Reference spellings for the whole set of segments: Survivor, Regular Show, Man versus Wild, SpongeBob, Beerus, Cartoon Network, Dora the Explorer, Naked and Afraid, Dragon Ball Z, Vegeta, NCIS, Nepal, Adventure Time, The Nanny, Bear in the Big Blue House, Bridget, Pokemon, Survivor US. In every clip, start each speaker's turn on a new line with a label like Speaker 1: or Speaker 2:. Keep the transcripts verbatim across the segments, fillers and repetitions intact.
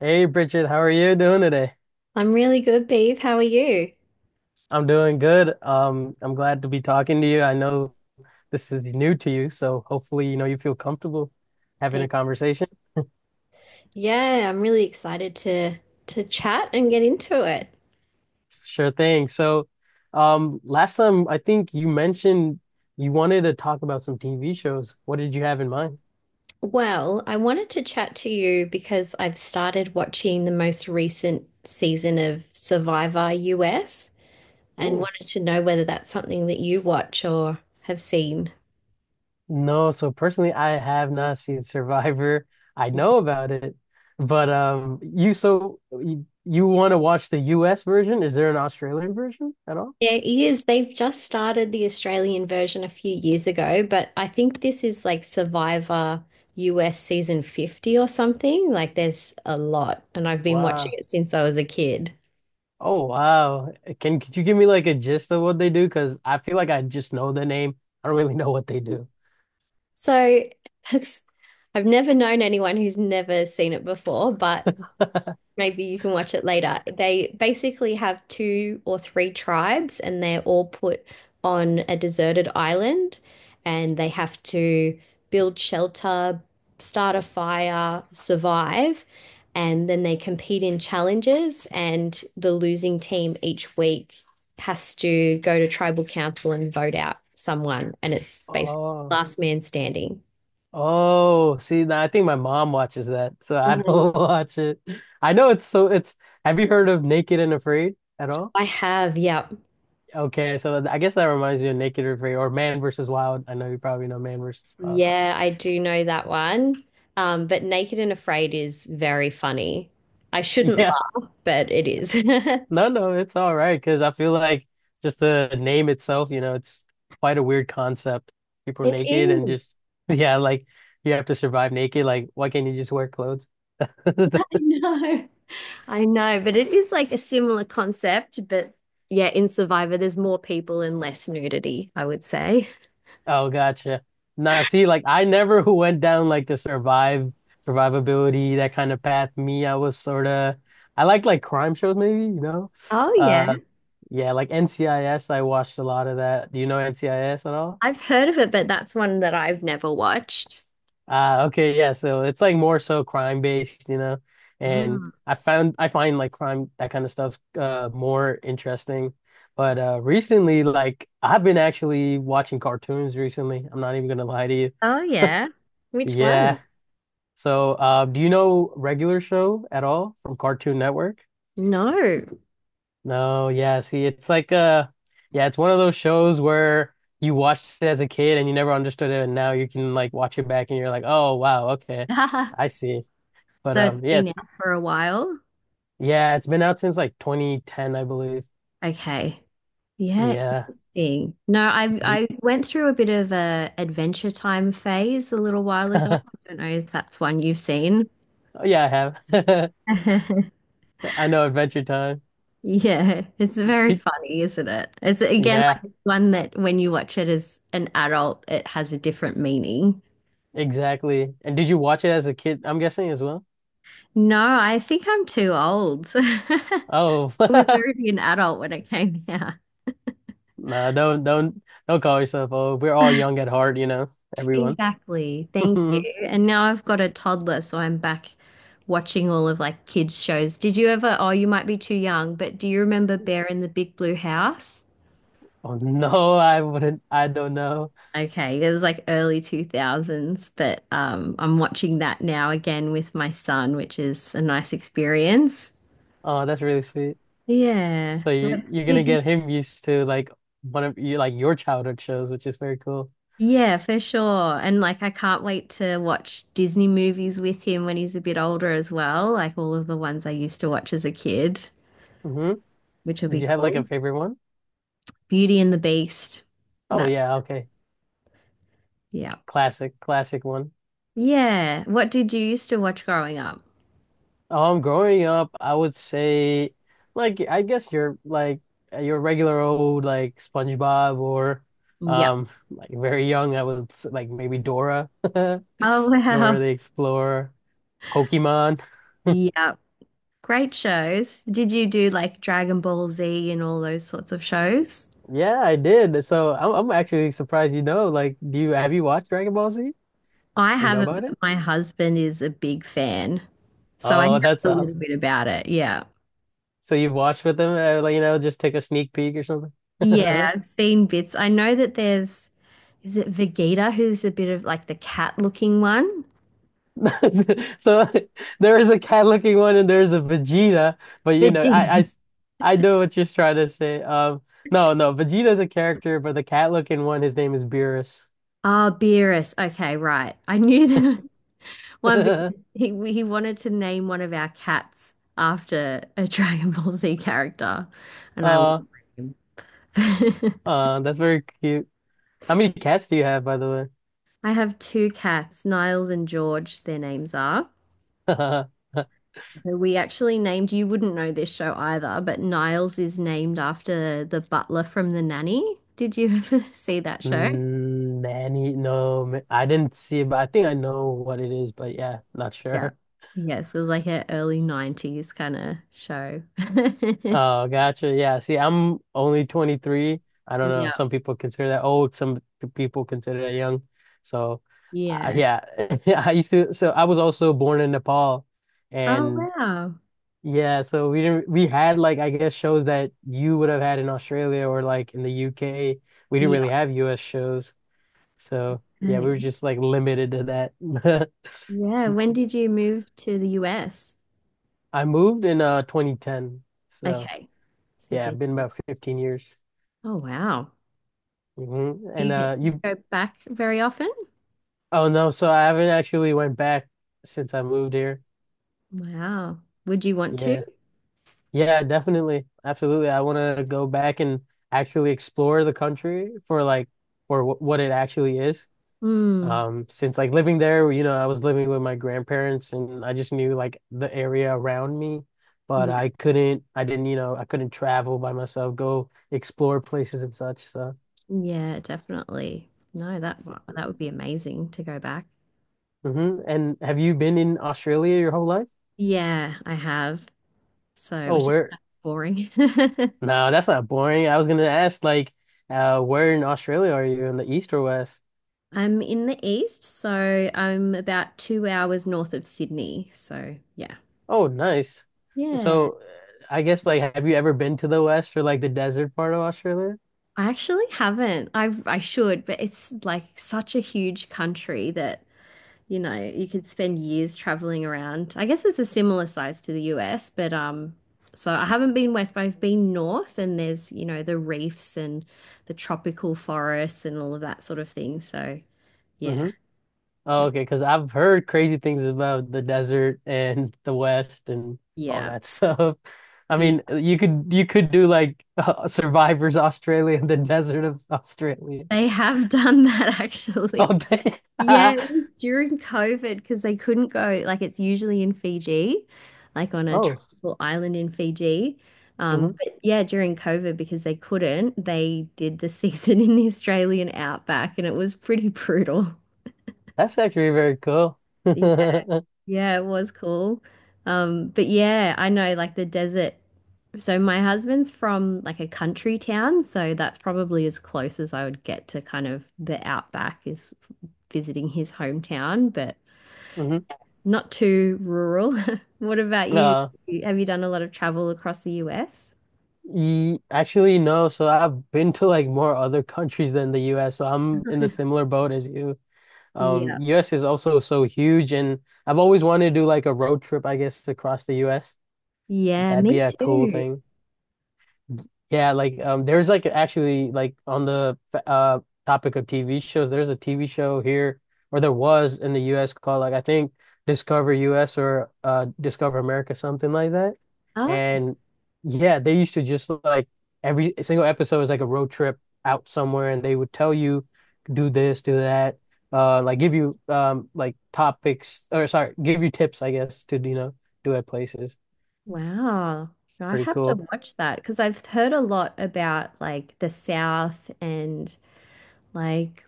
Speaker 1: Hey Bridget, how are you doing today?
Speaker 2: I'm really good, Beth. How are you?
Speaker 1: I'm doing good. Um, I'm glad to be talking to you. I know this is new to you, so hopefully, you know, you feel comfortable having a
Speaker 2: Thank
Speaker 1: conversation.
Speaker 2: Yeah, I'm really excited to to chat and get into it.
Speaker 1: Sure thing. So, um, last time I think you mentioned you wanted to talk about some T V shows. What did you have in mind?
Speaker 2: Well, I wanted to chat to you because I've started watching the most recent season of Survivor U S and
Speaker 1: Oh,
Speaker 2: wanted to know whether that's something that you watch or have seen.
Speaker 1: no. So personally, I have not seen Survivor. I know about it, but um, you so you, you want to watch the U S version? Is there an Australian version at all?
Speaker 2: Yeah, it is. They've just started the Australian version a few years ago, but I think this is like Survivor U S season fifty or something. Like there's a lot, and I've been watching
Speaker 1: Wow.
Speaker 2: it since I was a kid.
Speaker 1: Oh wow. Can could you give me like a gist of what they do? Because I feel like I just know the name. I don't really know what they do.
Speaker 2: So that's, I've never known anyone who's never seen it before, but maybe you can watch it later. They basically have two or three tribes, and they're all put on a deserted island, and they have to build shelter, start a fire, survive, and then they compete in challenges. And the losing team each week has to go to tribal council and vote out someone, and it's basically
Speaker 1: Oh.
Speaker 2: last man standing.
Speaker 1: Oh, see, now I think my mom watches that, so I
Speaker 2: Mhm.
Speaker 1: don't watch it. I know it's so it's have you heard of Naked and Afraid at all?
Speaker 2: I have, yeah.
Speaker 1: Okay, so I guess that reminds me of Naked and Afraid or Man versus Wild. I know you probably know Man versus Wild.
Speaker 2: Yeah, I do know that one. Um, but Naked and Afraid is very funny. I shouldn't
Speaker 1: Yeah.
Speaker 2: laugh, but it is.
Speaker 1: No, no, it's all right because I feel like just the name itself, you know, it's quite a weird concept. People are
Speaker 2: It
Speaker 1: naked and
Speaker 2: is.
Speaker 1: just, yeah, like you have to survive naked. Like, why can't you just wear clothes?
Speaker 2: I know. I know, but it is like a similar concept, but yeah, in Survivor, there's more people and less nudity, I would say.
Speaker 1: Oh, gotcha. Now, see, like I never who went down like the survive survivability that kind of path. Me, I was sort of I liked like crime shows, maybe, you know.
Speaker 2: Oh, yeah.
Speaker 1: Uh, yeah, like N C I S, I S. I watched a lot of that. Do you know N C I S at all?
Speaker 2: I've heard of it, but that's one that I've never watched.
Speaker 1: Ah, okay, yeah. So it's like more so crime based, you know. And
Speaker 2: Mm.
Speaker 1: I found I find like crime that kind of stuff uh more interesting. But uh recently like I've been actually watching cartoons recently. I'm not even gonna lie to you.
Speaker 2: Oh, yeah. Which one?
Speaker 1: Yeah. So uh do you know Regular Show at all from Cartoon Network?
Speaker 2: No.
Speaker 1: No, yeah, see it's like uh yeah, it's one of those shows where you watched it as a kid and you never understood it and now you can like watch it back and you're like, "Oh, wow, okay. I see." But
Speaker 2: So it's
Speaker 1: um, yeah,
Speaker 2: been
Speaker 1: it's
Speaker 2: out for a while.
Speaker 1: yeah, it's been out since like twenty ten, I believe.
Speaker 2: Okay. Yeah,
Speaker 1: Yeah,
Speaker 2: interesting. No, I
Speaker 1: Do-
Speaker 2: I went through a bit of a adventure time phase a little while ago. I don't know if that's one you've seen.
Speaker 1: Oh, yeah, I have. I know Adventure Time.
Speaker 2: Yeah, it's very
Speaker 1: Did,
Speaker 2: funny, isn't it? It's again
Speaker 1: yeah,
Speaker 2: like one that when you watch it as an adult, it has a different meaning.
Speaker 1: exactly. And did you watch it as a kid? I'm guessing as well.
Speaker 2: No, I think I'm too old. I
Speaker 1: Oh,
Speaker 2: was already an adult when it came out.
Speaker 1: no, don't don't don't call yourself old. We're all young at heart, you know, everyone.
Speaker 2: Exactly. Thank you. And now I've got a toddler, so I'm back watching all of like kids shows. Did you ever, oh, you might be too young, but do you remember Bear in the Big Blue House?
Speaker 1: Oh no, I wouldn't. I don't know.
Speaker 2: Okay, it was like early two thousands, but um I'm watching that now again with my son, which is a nice experience.
Speaker 1: Oh, that's really sweet.
Speaker 2: Yeah.
Speaker 1: So you you're gonna
Speaker 2: Did you?
Speaker 1: get him used to like one of you like your childhood shows, which is very cool.
Speaker 2: Yeah, for sure. And like I can't wait to watch Disney movies with him when he's a bit older as well, like all of the ones I used to watch as a kid,
Speaker 1: Hmm.
Speaker 2: which will
Speaker 1: Did
Speaker 2: be
Speaker 1: you have like a
Speaker 2: cool.
Speaker 1: favorite?
Speaker 2: Beauty and the Beast.
Speaker 1: Oh
Speaker 2: That,
Speaker 1: yeah, okay.
Speaker 2: yeah.
Speaker 1: Classic, classic one.
Speaker 2: Yeah. What did you used to watch growing up?
Speaker 1: Um, growing up, I would say, like, I guess you're like your regular old like SpongeBob or,
Speaker 2: Yeah.
Speaker 1: um, like very young. I was like maybe Dora,
Speaker 2: Oh,
Speaker 1: Dora
Speaker 2: wow.
Speaker 1: the Explorer, Pokemon.
Speaker 2: Yeah. Great shows. Did you do like Dragon Ball Z and all those sorts of shows?
Speaker 1: Yeah, I did. So I'm I'm actually surprised you know. Like, do you have you watched Dragon Ball Z?
Speaker 2: I
Speaker 1: You know
Speaker 2: haven't,
Speaker 1: about it?
Speaker 2: but my husband is a big fan. So I know
Speaker 1: Oh, that's
Speaker 2: a little
Speaker 1: awesome.
Speaker 2: bit about it. Yeah.
Speaker 1: So you've watched with them, uh, like you know, just take a sneak peek or something.
Speaker 2: Yeah, I've seen bits. I know that there's, is it Vegeta who's a bit of like the cat looking one?
Speaker 1: So there is a cat looking one and there's a Vegeta, but you know, I,
Speaker 2: Vegeta.
Speaker 1: I s- I know what you're trying to say. Um, no, no, Vegeta's a character, but the cat looking one, his name is Beerus.
Speaker 2: Ah, Beerus. Okay, right. I knew that. One because he he wanted to name one of our cats after a Dragon Ball Z character, and I
Speaker 1: Uh,
Speaker 2: wouldn't blame him.
Speaker 1: uh, that's very cute. How many cats do you have, by the
Speaker 2: I have two cats, Niles and George, their names are.
Speaker 1: way?
Speaker 2: So we actually named, you wouldn't know this show either, but Niles is named after the butler from The Nanny. Did you ever see that show?
Speaker 1: Mm, Nanny, no, ma- I didn't see it, but I think I know what it is, but yeah, not
Speaker 2: Yeah.
Speaker 1: sure.
Speaker 2: Yes, it was like an early nineties kind of show.
Speaker 1: Oh, gotcha. Yeah. See, I'm only twenty-three. I don't know.
Speaker 2: Yeah.
Speaker 1: Some people consider that old. Some people consider that young. So, uh,
Speaker 2: Yeah.
Speaker 1: yeah. I used to. So I was also born in Nepal,
Speaker 2: Oh,
Speaker 1: and
Speaker 2: wow.
Speaker 1: yeah. So we didn't. We had like I guess shows that you would have had in Australia or like in the U K. We didn't really have U S shows. So yeah,
Speaker 2: Yeah.
Speaker 1: we were just like limited to that.
Speaker 2: Yeah, when did you move to the U S?
Speaker 1: I moved in uh twenty ten. So
Speaker 2: Okay. So you've
Speaker 1: yeah,
Speaker 2: been.
Speaker 1: I've been about fifteen years.
Speaker 2: Oh, wow.
Speaker 1: Hmm.
Speaker 2: Do you
Speaker 1: And
Speaker 2: get
Speaker 1: uh,
Speaker 2: to
Speaker 1: you
Speaker 2: go back very often?
Speaker 1: Oh no, so I haven't actually went back since I moved here.
Speaker 2: Wow. Would you want to?
Speaker 1: Yeah. Yeah, definitely. Absolutely. I want to go back and actually explore the country for like for wh what it actually is.
Speaker 2: Hmm.
Speaker 1: Um, since like living there, you know, I was living with my grandparents and I just knew like the area around me, but
Speaker 2: Yeah,
Speaker 1: I couldn't I didn't, you know, I couldn't travel by myself, go explore places and such. So,
Speaker 2: yeah, definitely. No, that wa- that would be amazing to go back.
Speaker 1: hmm. And have you been in Australia your whole life?
Speaker 2: Yeah, I have. So,
Speaker 1: Oh,
Speaker 2: which is
Speaker 1: where?
Speaker 2: kind of boring.
Speaker 1: No, that's not boring. I was gonna ask like uh where in Australia are you? In the east or west?
Speaker 2: I'm in the east, so I'm about two hours north of Sydney. So, yeah.
Speaker 1: Oh, nice.
Speaker 2: Yeah.
Speaker 1: So uh, I guess like have you ever been to the west or like the desert part of Australia?
Speaker 2: I actually haven't. I I should, but it's like such a huge country that, you know, you could spend years traveling around. I guess it's a similar size to the U S, but um so I haven't been west, but I've been north and there's, you know, the reefs and the tropical forests and all of that sort of thing. So, yeah.
Speaker 1: Hmm. Oh,
Speaker 2: But
Speaker 1: okay, because I've heard crazy things about the desert and the West and all
Speaker 2: yeah.
Speaker 1: that stuff. I
Speaker 2: Yeah.
Speaker 1: mean, uh, you could you could do like uh, Survivors Australia and the desert of Australia.
Speaker 2: They have done that
Speaker 1: Oh,
Speaker 2: actually.
Speaker 1: dang.
Speaker 2: Yeah, it was during COVID because they couldn't go. Like it's usually in Fiji, like on a
Speaker 1: Oh,
Speaker 2: tropical island in Fiji.
Speaker 1: mhm.
Speaker 2: Um, but yeah, during COVID because they couldn't, they did the season in the Australian outback, and it was pretty brutal.
Speaker 1: That's actually very cool.
Speaker 2: Yeah,
Speaker 1: Hmm.
Speaker 2: yeah, it was cool. Um, but yeah, I know like the desert. So my husband's from like a country town, so that's probably as close as I would get to kind of the outback is visiting his hometown, but. Not too rural. What about you?
Speaker 1: Uh,
Speaker 2: Have you done a lot of travel across the U S?
Speaker 1: ye- actually, no. So I've been to like more other countries than the U S. So I'm in the similar boat as you.
Speaker 2: Yeah.
Speaker 1: Um, U S is also so huge, and I've always wanted to do like a road trip, I guess, across the U S.
Speaker 2: Yeah,
Speaker 1: That'd be
Speaker 2: me
Speaker 1: a cool
Speaker 2: too.
Speaker 1: thing. Yeah, like um there's like actually like on the uh topic of T V shows, there's a T V show here or there was in the U S called like I think Discover U S or uh Discover America something like that.
Speaker 2: Okay.
Speaker 1: And yeah, they used to just like every single episode was like a road trip out somewhere and they would tell you do this, do that, uh like give you um like topics or sorry, give you tips I guess to you know do at places.
Speaker 2: Wow. I'd
Speaker 1: Pretty
Speaker 2: have to
Speaker 1: cool.
Speaker 2: watch that because I've heard a lot about like the South and like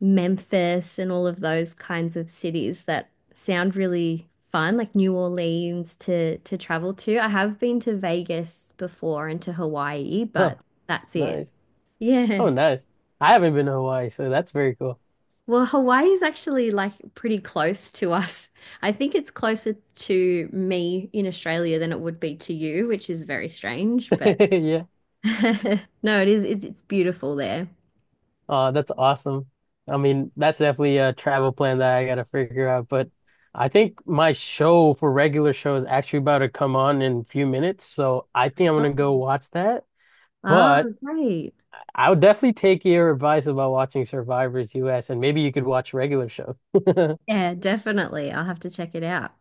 Speaker 2: Memphis and all of those kinds of cities that sound really fun, like New Orleans to to travel to. I have been to Vegas before and to Hawaii, but
Speaker 1: Oh,
Speaker 2: that's it.
Speaker 1: nice.
Speaker 2: Yeah.
Speaker 1: Oh, nice. I haven't been to Hawaii, so that's very cool.
Speaker 2: Well, Hawaii is actually like pretty close to us. I think it's closer to me in Australia than it would be to you, which is very strange, but
Speaker 1: Yeah.
Speaker 2: no, it is it's, it's beautiful there.
Speaker 1: Uh, that's awesome. I mean, that's definitely a travel plan that I gotta figure out. But I think my show for regular show is actually about to come on in a few minutes, so I think I'm gonna
Speaker 2: Oh,
Speaker 1: go watch that.
Speaker 2: oh,
Speaker 1: But
Speaker 2: great.
Speaker 1: I would definitely take your advice about watching Survivors U S, and maybe you could watch regular show. All
Speaker 2: Yeah, definitely. I'll have to check it out.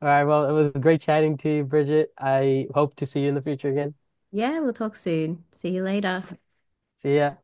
Speaker 1: right, well, it was great chatting to you, Bridget. I hope to see you in the future again.
Speaker 2: Yeah, we'll talk soon. See you later.
Speaker 1: See ya.